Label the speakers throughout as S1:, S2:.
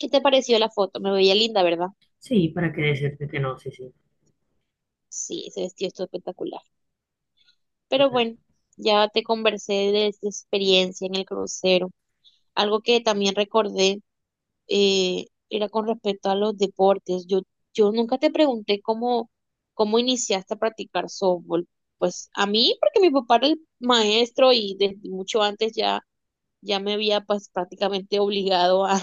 S1: ¿Qué te pareció la foto? Me veía linda, ¿verdad?
S2: Sí, para qué decirte que no, sí, sí,
S1: Sí, ese vestido estuvo espectacular. Pero
S2: total.
S1: bueno, ya te conversé de esta experiencia en el crucero. Algo que también recordé era con respecto a los deportes. Yo nunca te pregunté cómo iniciaste a practicar softball. Pues a mí, porque mi papá era el maestro y desde mucho antes ya me había pues prácticamente obligado a,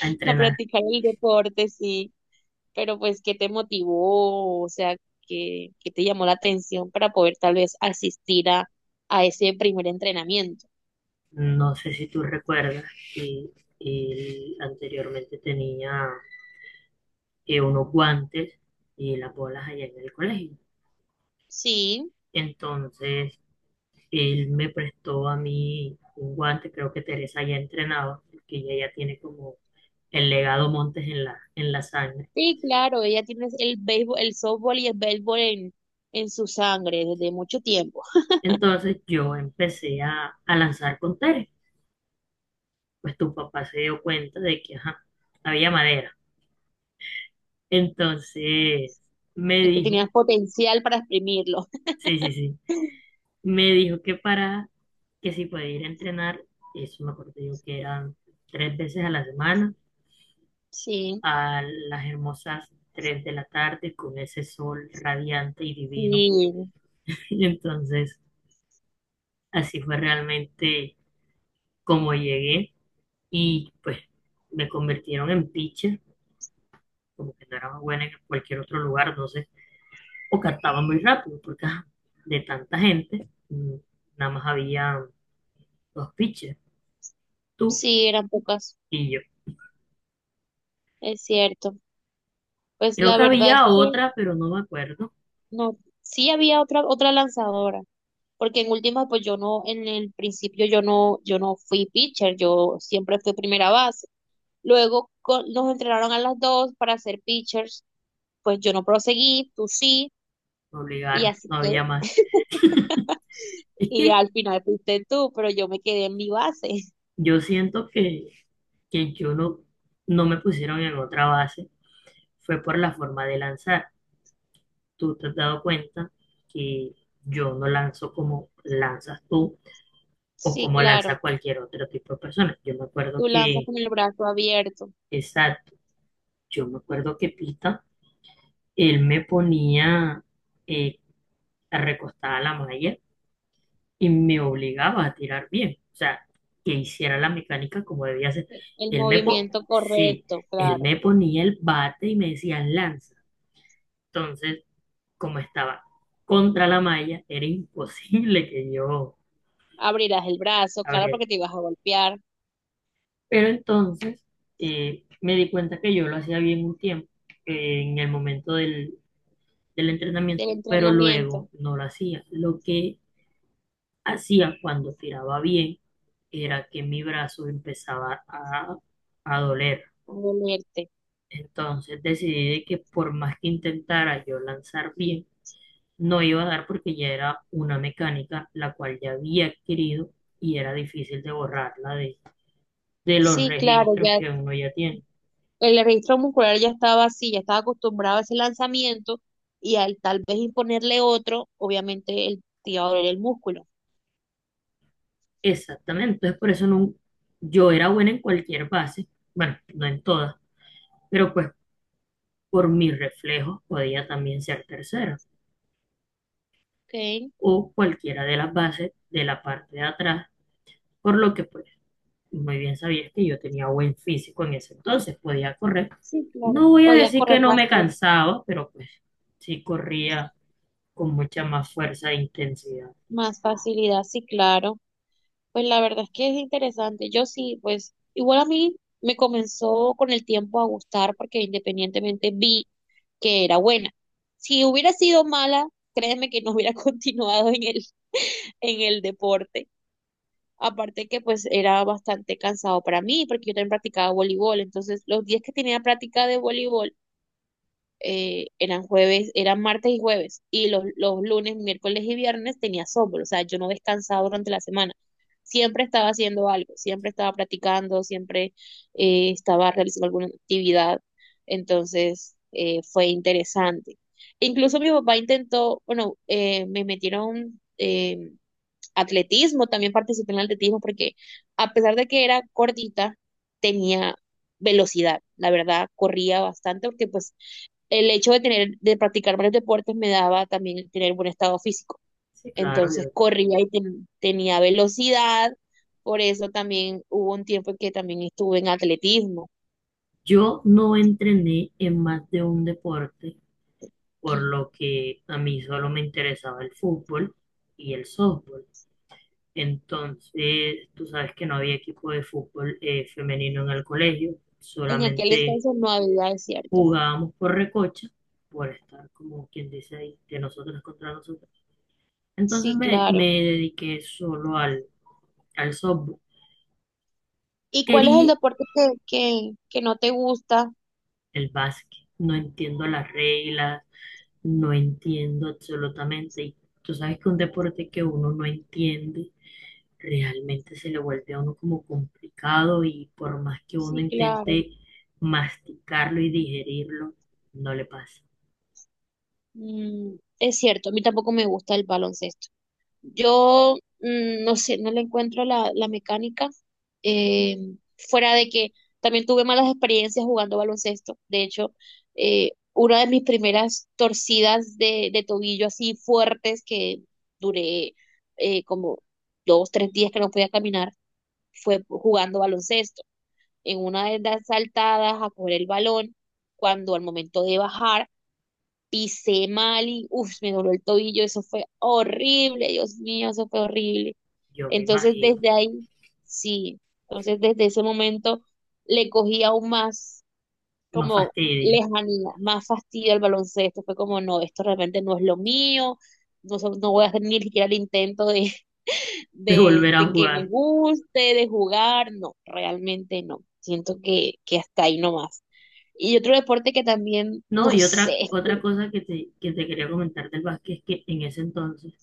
S2: A
S1: a
S2: entrenar.
S1: practicar el deporte, sí. Pero pues, ¿qué te motivó? O sea, ¿qué te llamó la atención para poder tal vez asistir a ese primer entrenamiento?
S2: No sé si tú recuerdas que él anteriormente tenía unos guantes y las bolas allá en el colegio.
S1: Sí,
S2: Entonces, él me prestó a mí un guante, creo que Teresa ya entrenaba, porque ella ya tiene como el legado Montes en la sangre.
S1: sí, claro, ella tiene el béisbol, el softball y el béisbol en su sangre desde mucho tiempo.
S2: Entonces, yo empecé a lanzar con Tere. Pues tu papá se dio cuenta de que, ajá, había madera. Entonces me
S1: Es que
S2: dijo,
S1: tenías potencial para exprimirlo.
S2: sí, sí, sí, me dijo que si podía ir a entrenar, eso me acuerdo yo que eran tres veces a la semana,
S1: Sí,
S2: a las hermosas 3 de la tarde con ese sol radiante y divino.
S1: sí,
S2: Y entonces así fue realmente como llegué y pues me convirtieron en pitcher, como que no era más buena en cualquier otro lugar, no sé, o cantaba muy rápido porque ajá, de tanta gente, nada más había los pitchers tú
S1: sí, eran pocas,
S2: y yo.
S1: es cierto. Pues
S2: Creo
S1: la
S2: que
S1: verdad es
S2: había
S1: que
S2: otra, pero no me acuerdo.
S1: no, sí había otra, otra lanzadora. Porque en última, pues yo no, en el principio yo no, yo no fui pitcher, yo siempre fui primera base. Luego nos entrenaron a las dos para ser pitchers, pues yo no proseguí, tú sí,
S2: Me
S1: y
S2: obligaron,
S1: así
S2: no
S1: que,
S2: había más. Es
S1: y
S2: que
S1: al final fuiste tú, pero yo me quedé en mi base.
S2: yo siento que yo no me pusieron en otra base. Fue por la forma de lanzar. Tú te has dado cuenta que yo no lanzo como lanzas tú o
S1: Sí,
S2: como
S1: claro,
S2: lanza cualquier otro tipo de persona. Yo me
S1: tú
S2: acuerdo
S1: lanzas
S2: que,
S1: con el brazo abierto,
S2: exacto, yo me acuerdo que Pita, él me ponía eh, recostada a la malla y me obligaba a tirar bien, o sea, que hiciera la mecánica como debía ser.
S1: el
S2: Él me, po-
S1: movimiento
S2: sí,
S1: correcto,
S2: él
S1: claro.
S2: me ponía el bate y me decía lanza. Entonces, como estaba contra la malla, era imposible que yo
S1: Abrirás el brazo, claro,
S2: abriera.
S1: porque te ibas a golpear
S2: Pero entonces me di cuenta que yo lo hacía bien un tiempo, en el momento del
S1: del
S2: entrenamiento, pero
S1: entrenamiento,
S2: luego no lo hacía. Lo que hacía cuando tiraba bien era que mi brazo empezaba a doler.
S1: a dolerte.
S2: Entonces decidí de que por más que intentara yo lanzar bien, no iba a dar porque ya era una mecánica la cual ya había adquirido y era difícil de borrarla de los
S1: Sí, claro,
S2: registros
S1: ya
S2: que uno ya tiene.
S1: el registro muscular ya estaba así, ya estaba acostumbrado a ese lanzamiento y al tal vez imponerle otro, obviamente el te iba a doler el músculo.
S2: Exactamente, entonces por eso no, yo era buena en cualquier base, bueno, no en todas, pero pues por mis reflejos podía también ser tercera
S1: Ok,
S2: o cualquiera de las bases de la parte de atrás, por lo que pues muy bien sabías que yo tenía buen físico en ese entonces, podía correr.
S1: sí, claro.
S2: No voy a
S1: Podías
S2: decir que
S1: correr
S2: no me
S1: bastante
S2: cansaba, pero pues sí corría con mucha más fuerza e intensidad.
S1: más facilidad, sí, claro. Pues la verdad es que es interesante. Yo sí, pues igual a mí me comenzó con el tiempo a gustar porque independientemente vi que era buena. Si hubiera sido mala, créeme que no hubiera continuado en el deporte. Aparte que pues era bastante cansado para mí, porque yo también practicaba voleibol. Entonces, los días que tenía práctica de voleibol eran jueves, eran martes y jueves. Y los lunes, miércoles y viernes tenía sombra. O sea, yo no descansaba durante la semana. Siempre estaba haciendo algo, siempre estaba practicando, siempre estaba realizando alguna actividad. Entonces, fue interesante. E incluso mi papá intentó, bueno, me metieron atletismo, también participé en el atletismo porque a pesar de que era gordita, tenía velocidad, la verdad, corría bastante porque pues el hecho de tener, de practicar varios deportes me daba también tener buen estado físico.
S2: Sí, claro,
S1: Entonces
S2: yo,
S1: corría y tenía velocidad, por eso también hubo un tiempo en que también estuve en atletismo.
S2: yo no entrené en más de un deporte, por lo que a mí solo me interesaba el fútbol y el softball. Entonces, tú sabes que no había equipo de fútbol femenino en el colegio,
S1: En aquel
S2: solamente
S1: entonces no había desierto.
S2: jugábamos por recocha, por estar como quien dice ahí, de nosotros contra nosotros. Entonces
S1: Sí,
S2: me
S1: claro.
S2: dediqué solo al softball.
S1: ¿Y cuál es el
S2: Quería
S1: deporte que no te gusta?
S2: el básquet, no entiendo las reglas, no entiendo absolutamente. Y tú sabes que un deporte que uno no entiende, realmente se le vuelve a uno como complicado y por más que uno
S1: Sí, claro.
S2: intente masticarlo y digerirlo, no le pasa.
S1: Mm, es cierto, a mí tampoco me gusta el baloncesto. Yo mm, no sé, no le encuentro la, la mecánica, eh, fuera de que también tuve malas experiencias jugando baloncesto. De hecho, una de mis primeras torcidas de tobillo así fuertes que duré como dos, tres días que no podía caminar, fue jugando baloncesto. En una de las saltadas a coger el balón, cuando al momento de bajar pisé mal y uff, me dolió el tobillo, eso fue horrible, Dios mío, eso fue horrible.
S2: Yo me
S1: Entonces
S2: imagino
S1: desde ahí, sí, entonces desde ese momento le cogí aún más
S2: más
S1: como
S2: fastidio
S1: lejanía, más fastidio al baloncesto, fue como no, esto realmente no es lo mío, no, no voy a hacer ni siquiera el intento de,
S2: de volver a
S1: de que me
S2: jugar.
S1: guste, de jugar, no, realmente no, siento que hasta ahí nomás. Y otro deporte que también,
S2: No,
S1: no
S2: y otra,
S1: sé,
S2: otra cosa que te quería comentar del básquet es que en ese entonces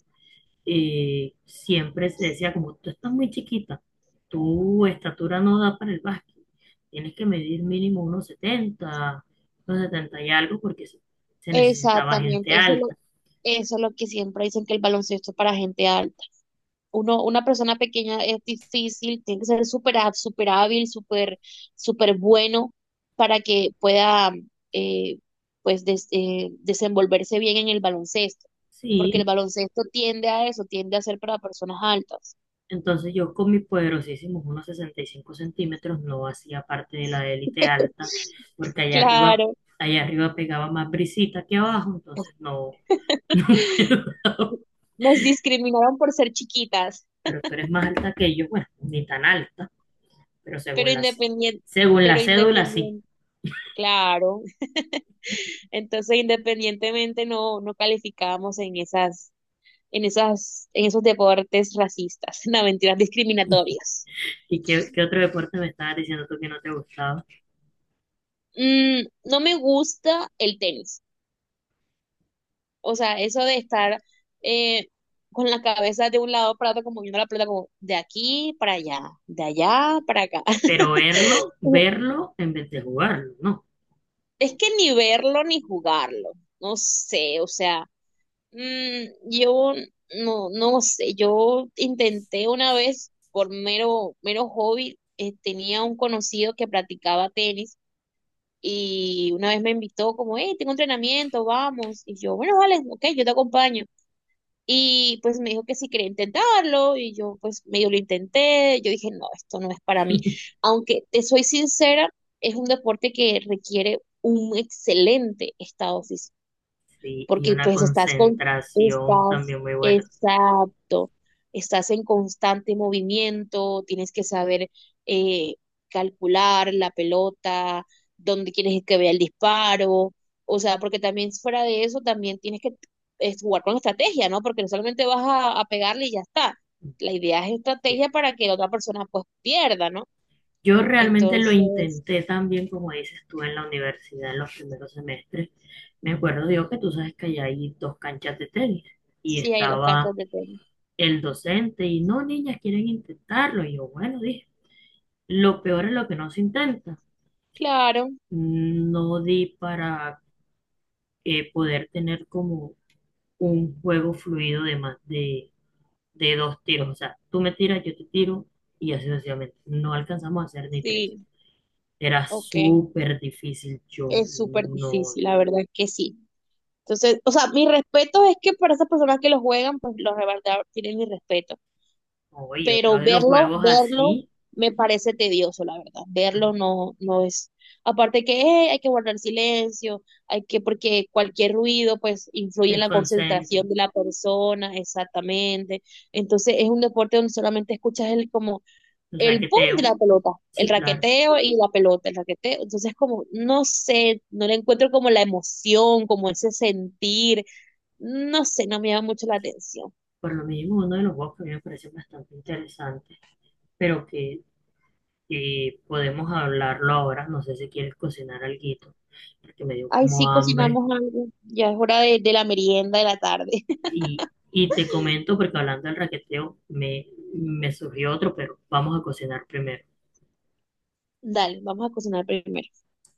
S2: siempre se decía como tú estás muy chiquita, tu estatura no da para el básquet, tienes que medir mínimo unos 70 y algo porque se necesitaba gente
S1: exactamente,
S2: alta.
S1: eso es lo que siempre dicen que el baloncesto es para gente alta. Uno, una persona pequeña es difícil, tiene que ser súper súper hábil, súper bueno para que pueda eh, pues desenvolverse bien en el baloncesto, porque el
S2: Sí,
S1: baloncesto tiende a eso, tiende a ser para personas altas.
S2: entonces yo con mis poderosísimos unos 65 centímetros no hacía parte de la élite alta, porque
S1: Claro,
S2: allá arriba pegaba más brisita que abajo, entonces no, no me daba.
S1: nos discriminaron por ser chiquitas,
S2: Pero tú eres más alta que yo, bueno, ni tan alta, pero
S1: pero independiente,
S2: según la
S1: pero
S2: cédula sí.
S1: independiente, claro. Entonces, independientemente, no, no calificábamos en esas, en esas, en esos deportes racistas, no, mentiras discriminatorias.
S2: ¿Y qué otro deporte me estabas diciendo tú que no te gustaba?
S1: Mm, no me gusta el tenis. O sea, eso de estar eh, con la cabeza de un lado para otro, como viendo la pelota, como de aquí para allá, de allá para acá.
S2: Pero verlo, verlo en vez de jugarlo, ¿no?
S1: Es que ni verlo ni jugarlo. No sé, o sea, mm, yo no, no sé, yo intenté una vez por mero hobby, tenía un conocido que practicaba tenis y una vez me invitó como, hey, tengo entrenamiento, vamos. Y yo, bueno, vale, ok, yo te acompaño. Y pues me dijo que si quería intentarlo y yo pues medio lo intenté, yo dije, no, esto no es para mí. Aunque te soy sincera, es un deporte que requiere un excelente estado físico
S2: Sí, y
S1: porque
S2: una
S1: pues estás con,
S2: concentración
S1: estás,
S2: también muy buena.
S1: exacto, estás en constante movimiento, tienes que saber eh, calcular la pelota, dónde quieres que vea el disparo, o sea, porque también fuera de eso también tienes que es jugar con estrategia, ¿no? Porque no solamente vas a pegarle y ya está. La idea es
S2: Sí.
S1: estrategia para que la otra persona pues pierda, ¿no?
S2: Yo realmente lo
S1: Entonces,
S2: intenté también, como dices tú, en la universidad, en los primeros semestres. Me acuerdo, digo, que tú sabes que allá hay dos canchas de tenis y
S1: sí hay dos canchas
S2: estaba
S1: de tenis.
S2: el docente y no, niñas, quieren intentarlo. Y yo, bueno, dije, lo peor es lo que no se intenta.
S1: Claro,
S2: No di para poder tener como un juego fluido de más de dos tiros. O sea, tú me tiras, yo te tiro y así sucesivamente. No alcanzamos a hacer ni tres.
S1: sí,
S2: Era
S1: ok.
S2: súper difícil, yo
S1: Es súper
S2: no
S1: difícil,
S2: di.
S1: la verdad que sí. Entonces, o sea, mi respeto es que para esas personas que lo juegan, pues los de verdad tienen mi respeto.
S2: Oye, otro
S1: Pero
S2: de los
S1: verlo,
S2: juegos
S1: verlo
S2: así,
S1: me parece tedioso, la verdad. Verlo no, no es. Aparte que hay que guardar silencio, hay que, porque cualquier ruido pues influye en la concentración
S2: desconcentra,
S1: de la persona, exactamente. Entonces es un deporte donde solamente escuchas el como
S2: el
S1: el boom de
S2: raqueteo.
S1: la pelota, el
S2: Sí, claro.
S1: raqueteo y la pelota, el raqueteo. Entonces, como, no sé, no le encuentro como la emoción, como ese sentir, no sé, no me llama mucho la atención.
S2: Por lo mismo, uno de los juegos que a mí me parece bastante interesante, pero que podemos hablarlo ahora. No sé si quieres cocinar alguito, porque me dio
S1: Ay,
S2: como
S1: sí,
S2: hambre.
S1: cocinamos algo, ya es hora de la merienda de la tarde.
S2: Y, y te comento, porque hablando del raqueteo, me surgió otro, pero vamos a cocinar primero.
S1: Dale, vamos a cocinar primero.